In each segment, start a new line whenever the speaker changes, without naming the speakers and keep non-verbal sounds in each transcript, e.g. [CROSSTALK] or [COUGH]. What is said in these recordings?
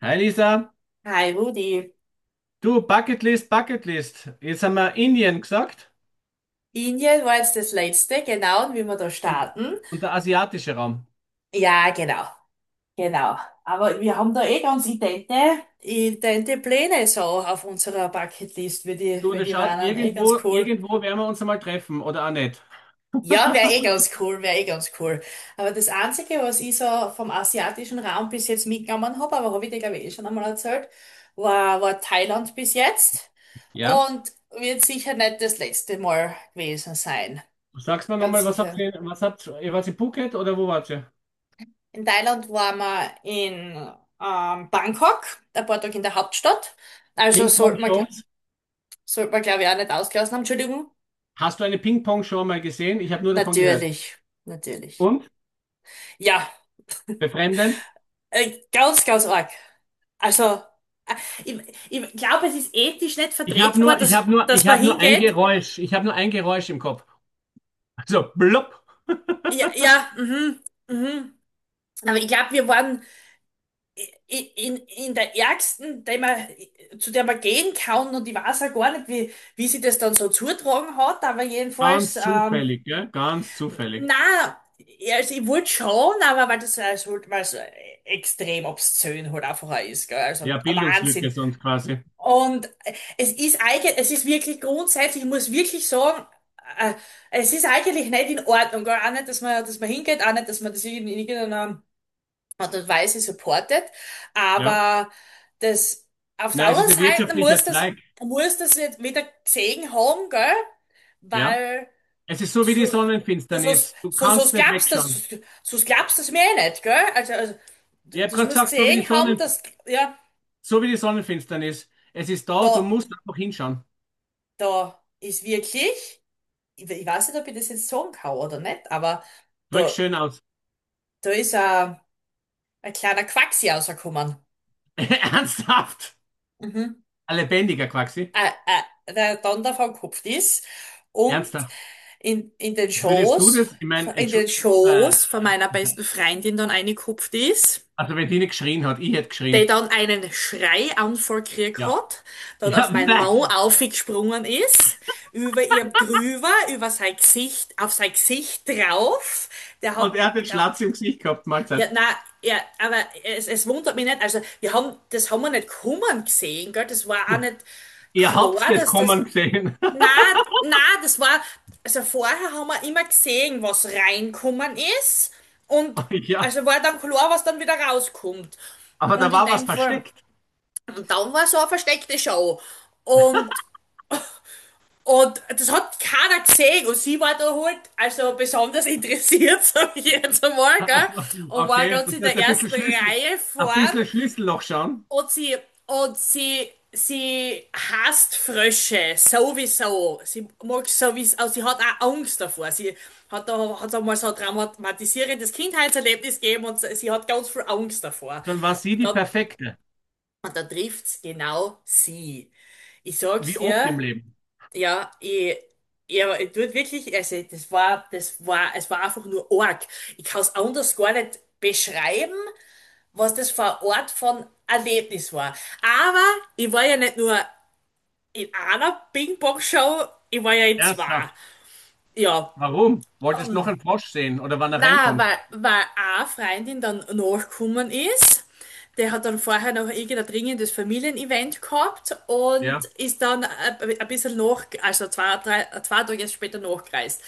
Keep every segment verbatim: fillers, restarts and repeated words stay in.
Hi Lisa,
Hi Rudi.
du Bucketlist, Bucketlist. Jetzt haben wir Indien gesagt
Indien war jetzt das letzte, genau, und wie wir da
und,
starten.
und der asiatische Raum.
Ja, genau, genau. Aber wir haben da eh ganz idente, idente Pläne so auf unserer Bucketlist, wie die,
Du,
wie
das
die
schaut,
waren. Eh ganz
irgendwo,
cool.
irgendwo werden wir uns einmal treffen oder auch nicht.
Ja, wäre eh
[LAUGHS]
ganz cool, wäre eh ganz cool. Aber das Einzige, was ich so vom asiatischen Raum bis jetzt mitgenommen habe, aber habe ich dir, glaube ich, eh schon einmal erzählt, war, war Thailand bis jetzt
Ja?
und wird sicher nicht das letzte Mal gewesen sein.
Sagst mir
Ganz
nochmal, was habt
sicher.
ihr, was habt ihr, wart ihr Phuket oder wo wart ihr?
In Thailand waren wir in ähm, Bangkok, ein paar Tage in der Hauptstadt. Also sollte man, gl-
Ping-Pong-Shows?
sollte man, glaube ich, auch nicht ausgelassen haben. Entschuldigung.
Hast du eine Ping-Pong-Show mal gesehen? Ich habe nur davon gehört.
Natürlich, natürlich.
Und?
Ja,
Befremdend?
äh, ganz, ganz arg. Also, äh, ich, ich glaube, es ist ethisch nicht
Ich habe
vertretbar,
nur, ich
dass,
habe nur,
dass
ich
man
habe nur ein
hingeht.
Geräusch. Ich habe nur ein Geräusch im Kopf. So blub.
Ja,
[LAUGHS]
ja, mhm, mhm. Aber ich glaube, wir waren i- in, in der ärgsten, der man, zu der man gehen kann, und ich weiß auch gar nicht, wie, wie sie das dann so zutragen hat, aber jedenfalls,
Ganz
ähm,
zufällig, gell? Ganz zufällig.
na, ja, also ich wollte schon, aber weil das halt, weil so extrem obszön halt einfach auch ist, gell? Also
Ja,
ein
Bildungslücke
Wahnsinn.
sonst quasi.
Und es ist eigentlich, es ist wirklich grundsätzlich, ich muss wirklich sagen, äh, es ist eigentlich nicht in Ordnung, gell? Auch nicht, dass man, dass man hingeht, auch nicht, dass man das in irgendeiner Art und Weise supportet.
Ja.
Aber das, auf der
Na, es
anderen
ist ein
Seite
wirtschaftlicher
muss das,
Zweig.
muss das jetzt wieder gesehen haben, gell?
Ja.
Weil
Es ist so wie die
so, so, so,
Sonnenfinsternis. Du
so,
kannst
so
nicht
glaubst du das,
wegschauen.
so glaubst du das mir eh nicht, gell? Also, also
Ich
d-
habe
das
gerade
muss
gesagt, so wie die
gesehen haben,
Sonnen,
dass, ja,
so wie die Sonnenfinsternis. Es ist da, du
da,
musst einfach hinschauen.
da ist wirklich, ich, ich weiß nicht, ob ich das jetzt sagen kann oder nicht, aber
Drück's
da,
schön aus.
da ist ein, ein kleiner Quacksi rausgekommen.
[LAUGHS] Ernsthaft?
Mhm.
Ein lebendiger Quaxi.
äh, äh, der Donner vom Kopf ist und
Ernsthaft.
in, in den
Würdest du
Schoß,
das? Ich meine,
in
Entschu-
den
äh,
Schoß von meiner besten Freundin dann eingekupft ist,
also wenn die nicht geschrien hat, ich hätte
der
geschrien.
dann einen Schreianfall gekriegt
Ja.
hat,
[LAUGHS]
dann
Ja,
auf mein Maul
nein.
aufgesprungen ist, über ihr drüber, über sein Gesicht, auf sein Gesicht drauf, der
Und
hat,
er hat den
der,
Schlatz im Gesicht gehabt,
ja,
Mahlzeit.
nein, ja, aber es, es wundert mich nicht. Also wir haben, das haben wir nicht kommen gesehen, gell, das war auch
Hm.
nicht
Ihr habt's
klar,
das
dass das,
kommen gesehen.
na, na, das war, also vorher haben wir immer gesehen, was reinkommen ist, und
[LAUGHS] Ja.
also war dann klar, was dann wieder rauskommt.
Aber
Und
da
in
war was
dem Fall,
versteckt. [LAUGHS]
und dann war so eine versteckte Show. Und, und das hat keiner gesehen, und sie war da halt, also besonders [LAUGHS] interessiert, sag ich jetzt einmal, gell,
Also,
und war
okay,
ganz
das
in
heißt
der
ein bisschen
ersten
Schlüssel,
Reihe
ein
vorn.
bisschen Schlüsselloch schauen,
Und sie, und sie, sie hasst Frösche sowieso. Sie mag sowieso, also sie hat auch Angst davor. Sie hat da, hat einmal so ein traumatisierendes Kindheitserlebnis gegeben, und sie hat ganz viel Angst davor.
dann war sie
Und
die
dann,
perfekte.
und dann trifft's genau sie. Ich sag's
Wie oft
dir,
im Leben.
ja, ich, ja, ich tut wirklich, also das war, das war, es war einfach nur arg. Ich kann's anders gar nicht beschreiben, was das für ein Ort von Erlebnis war. Aber ich war ja nicht nur in einer Ping-Pong-Show, ich war ja in zwei.
Ernsthaft.
Ja.
Warum? Wolltest noch einen Frosch sehen oder wann er
Na,
reinkommt?
weil, weil eine Freundin dann nachgekommen ist. Der hat dann vorher noch irgendein dringendes Familienevent gehabt und
Ja.
ist dann ein ein bisschen nach, also zwei, drei, zwei Tage später nachgereist.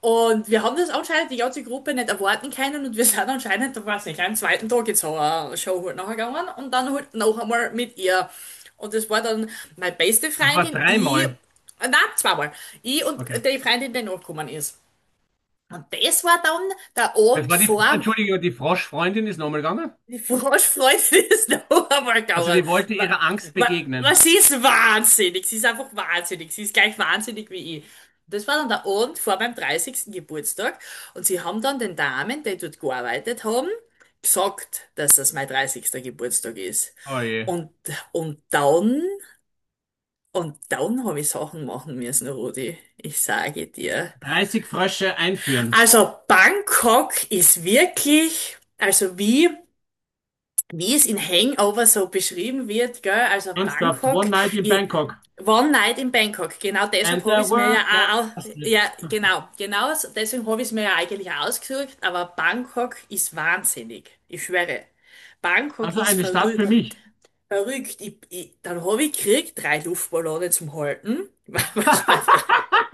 Und wir haben das anscheinend die ganze Gruppe nicht erwarten können, und wir sind anscheinend, da weiß nicht, am zweiten Tag jetzt so eine Show halt nachher gegangen und dann halt noch einmal mit ihr. Und das war dann meine beste
Also war es
Freundin, ich,
dreimal.
nein, zweimal, ich und
Okay.
die Freundin, die nachgekommen ist. Und das war dann der
Das
Abend
war die,
vor
Fro-
dem
Entschuldigung, die Froschfreundin ist nochmal gegangen.
die Vorfreude des
Also die
Dauermarkauers.
wollte
[LAUGHS] Wa-
ihrer Angst
wa-
begegnen.
Was, sie ist wahnsinnig? Sie ist einfach wahnsinnig. Sie ist gleich wahnsinnig wie ich. Das war dann der Abend vor meinem dreißigsten Geburtstag. Und sie haben dann den Damen, die dort gearbeitet haben, gesagt, dass das mein dreißigster Geburtstag ist.
Oh je.
Und, und dann, und dann habe ich Sachen machen müssen, Rudi. Ich sage dir.
dreißig Frösche einführen.
Also Bangkok ist wirklich, also wie, wie, es in Hangover so beschrieben wird, gell? Also
Ernsthaft.
Bangkok,
One night in
i-
Bangkok.
One Night in Bangkok. Genau
And
deshalb habe
the
ich es mir ja
world got
auch, au-
busted.
ja, genau, genau, so- deswegen habe ich es mir ja eigentlich auch ausgesucht, aber Bangkok ist wahnsinnig. Ich schwöre. Bangkok
Also
ist
eine Stadt
verrü
für mich.
verrückt. Ich, ich, dann habe ich gekriegt, drei Luftballone zum Halten, [LAUGHS] weil
[LAUGHS]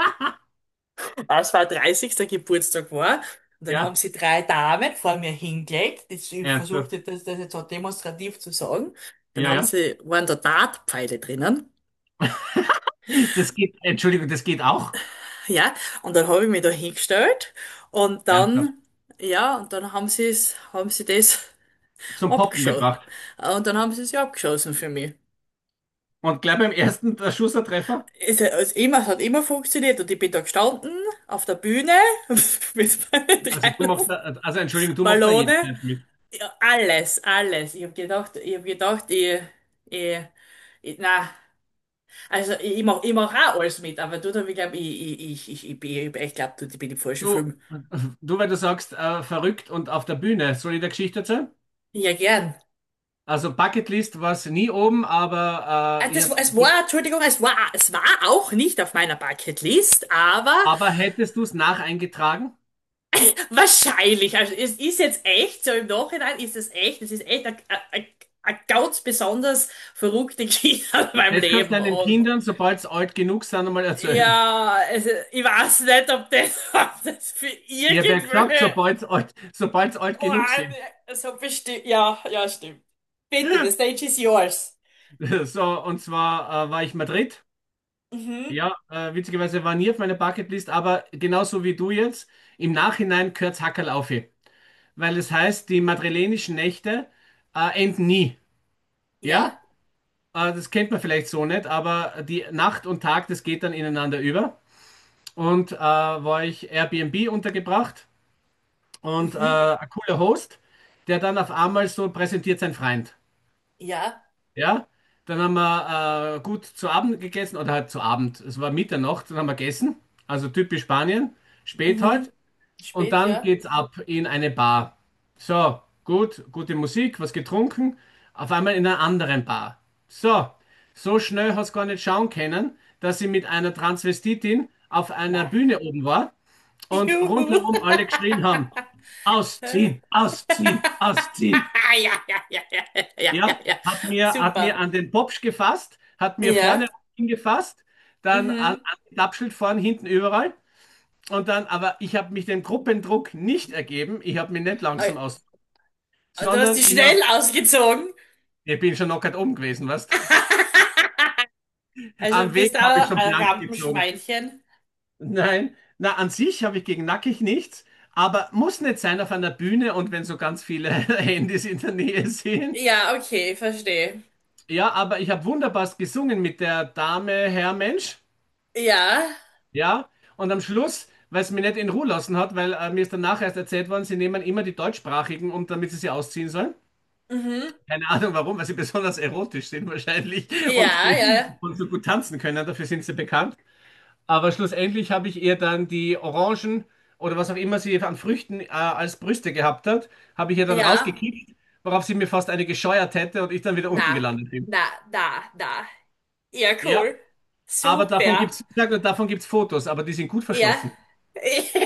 als war dreißigster. Geburtstag war. Und dann haben
Ja.
sie drei Damen vor mir hingelegt. Ich ich
Ernsthaft?
versuchte das, das jetzt so demonstrativ zu sagen. Dann
Ja,
haben
ja.
sie, waren da Dartpfeile drinnen.
[LAUGHS] Das geht, Entschuldigung, das geht auch.
Ja, und dann habe ich mich da hingestellt. Und
Ernsthaft.
dann, ja, und dann haben sie es, haben sie das [LAUGHS]
Zum Poppen
abgeschossen.
gebracht.
Und dann haben sie es ja abgeschossen für mich.
Und gleich beim ersten der Schussertreffer,
Es, es, immer, es hat immer funktioniert, und ich bin da gestanden auf der Bühne [LAUGHS] mit meinen
also
drei
du machst da, also Entschuldigung, du machst da
Luftballone.
jeden Treffer mit.
Alles, alles. Ich habe gedacht, ich hab gedacht, ich, ich, ich na, also ich, ich mach, ich mach auch alles mit, aber du, da, ich glaube, ich, ich, ich, ich, ich, bin- ich glaube, du, ich bin im falschen
Du,
Film.
du, weil du sagst, äh, verrückt und auf der Bühne, soll ich der Geschichte erzählen?
Ja, gern.
Also Bucketlist war es nie oben, aber
Ah,
äh, ich
Das,
hab,
es war, Entschuldigung, es war, es war auch nicht auf meiner Bucketlist, aber
aber hättest du es nacheingetragen?
wahrscheinlich. Also es ist jetzt echt, so im Nachhinein ist es echt, es ist echt eine ganz besonders verrückte [LAUGHS] Geschichte in meinem
Das kannst du
Leben
deinen
und,
Kindern, sobald sie alt genug sind, einmal erzählen.
ja, also ich weiß nicht, ob das, [LAUGHS] ob das für
Ich habe ja gesagt,
irgendwelche
sobald sie alt, sobald sie alt genug
Ohren
sind.
so bestimmt. Ja, ja, stimmt. Bitte, the stage is yours.
[LAUGHS] So, und zwar äh, war ich Madrid.
Mhm.
Ja, äh, witzigerweise war nie auf meiner Bucketlist, aber genauso wie du jetzt, im Nachhinein gehört's Hackerl auf. Weil es heißt, die madrilenischen Nächte äh, enden nie. Ja,
Ja.
äh, das kennt man vielleicht so nicht, aber die Nacht und Tag, das geht dann ineinander über. Und äh, war ich Airbnb untergebracht und äh,
Mhm.
ein cooler Host, der dann auf einmal so präsentiert sein Freund.
Ja.
Ja, dann haben wir äh, gut zu Abend gegessen oder halt zu Abend. Es war Mitternacht, dann haben wir gegessen. Also typisch Spanien, spät
Mhm.
halt. Und
Spät,
dann
ja.
geht's ab in eine Bar. So, gut, gute Musik, was getrunken. Auf einmal in einer anderen Bar. So, so schnell hast du gar nicht schauen können, dass sie mit einer Transvestitin auf einer
Nein.
Bühne oben war und
Juhu.
rundherum alle geschrien haben: Ausziehen,
[LAUGHS]
ausziehen, ausziehen.
Ja, ja, ja, ja, ja,
Ja,
ja, ja.
hat mir, hat
Super.
mir an den Popsch gefasst, hat mir
Ja.
vorne hingefasst, dann an,
Mhm.
an den Klappschild vorne, hinten überall. Und dann, aber ich habe mich dem Gruppendruck nicht ergeben. Ich habe mich nicht
Äh,
langsam aus,
Du hast
sondern
die
ich habe,
schnell ausgezogen.
ich bin schon knockert oben gewesen, weißt?
[LAUGHS] Also
Am Weg
bist du
habe ich
auch
schon
ein
blank gezogen.
Rampenschweinchen.
Nein, na, an sich habe ich gegen Nackig nichts, aber muss nicht sein auf einer Bühne und wenn so ganz viele [LAUGHS] Handys in der Nähe sind.
Ja, okay, verstehe.
Ja, aber ich habe wunderbar gesungen mit der Dame, Herr Mensch.
Ja,
Ja, und am Schluss, weil es mich nicht in Ruhe lassen hat, weil äh, mir ist danach erst erzählt worden, sie nehmen immer die deutschsprachigen, um damit sie sie ausziehen sollen.
mhm.
Keine Ahnung warum, weil sie [LAUGHS] besonders erotisch sind wahrscheinlich und,
Ja, ja,
ge- und so gut tanzen können, dafür sind sie bekannt. Aber schlussendlich habe ich ihr dann die Orangen oder was auch immer sie an Früchten äh, als Brüste gehabt hat, habe ich ihr dann
ja.
rausgekickt, worauf sie mir fast eine gescheuert hätte und ich dann wieder unten
Na,
gelandet bin.
na, na, na. Ja,
Ja,
cool.
aber davon
Super.
gibt's, ich sag nur, davon gibt's Fotos, aber die sind gut
Ja.
verschlossen.
[LAUGHS]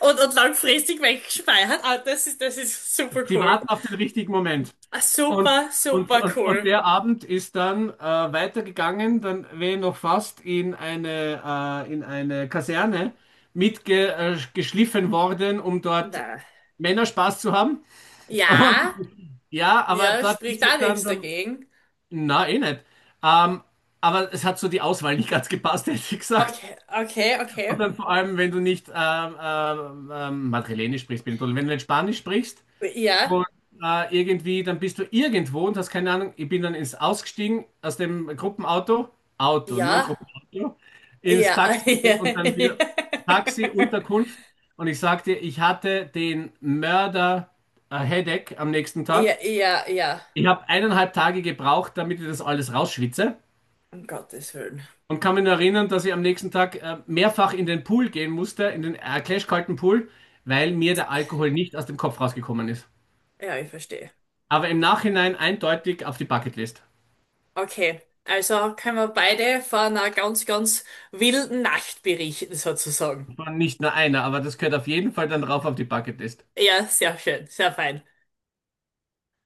Und, und langfristig weggespeichert. Ah, das ist, das ist super
Sie
cool.
warten auf den richtigen Moment.
Ah,
Und,
super,
und,
super
und, und
cool.
der Abend ist dann äh, weitergegangen, dann wäre ich noch fast in eine, äh, in eine Kaserne mitgeschliffen worden, um dort
Na.
Männer Spaß zu haben.
Ja,
Und ja, aber
ja,
dort
spricht
ist
da
es dann,
nichts
dann
dagegen.
na, eh nicht. Ähm, aber es hat so die Auswahl nicht ganz gepasst, [LAUGHS] hätte ich gesagt.
Okay, okay, okay.
Und dann vor allem, wenn du nicht ähm, ähm, ähm, Madrilenisch sprichst, bin ich toll. Wenn du nicht Spanisch sprichst,
Ja,
und äh, irgendwie, dann bist du irgendwo und hast keine Ahnung. Ich bin dann ins ausgestiegen aus dem Gruppenauto, Auto, nur
ja,
Gruppenauto, ins
ja,
Taxi rein
[LAUGHS]
und dann wieder Taxi, Unterkunft. Und ich sagte, ich hatte den Mörder äh, Headache am nächsten
ja,
Tag.
ja, ja, ja.
Ich habe eineinhalb Tage gebraucht, damit ich das alles rausschwitze.
Um Gottes Willen.
Und kann mich nur erinnern, dass ich am nächsten Tag äh, mehrfach in den Pool gehen musste, in den äh, klashkalten Pool, weil mir der Alkohol nicht aus dem Kopf rausgekommen ist.
Ja, ich verstehe.
Aber im Nachhinein eindeutig auf die Bucketlist.
Okay, also können wir beide von einer ganz, ganz wilden Nacht berichten, sozusagen.
Nicht nur einer, aber das gehört auf jeden Fall dann drauf auf die Bucketlist.
Ja, sehr schön, sehr fein.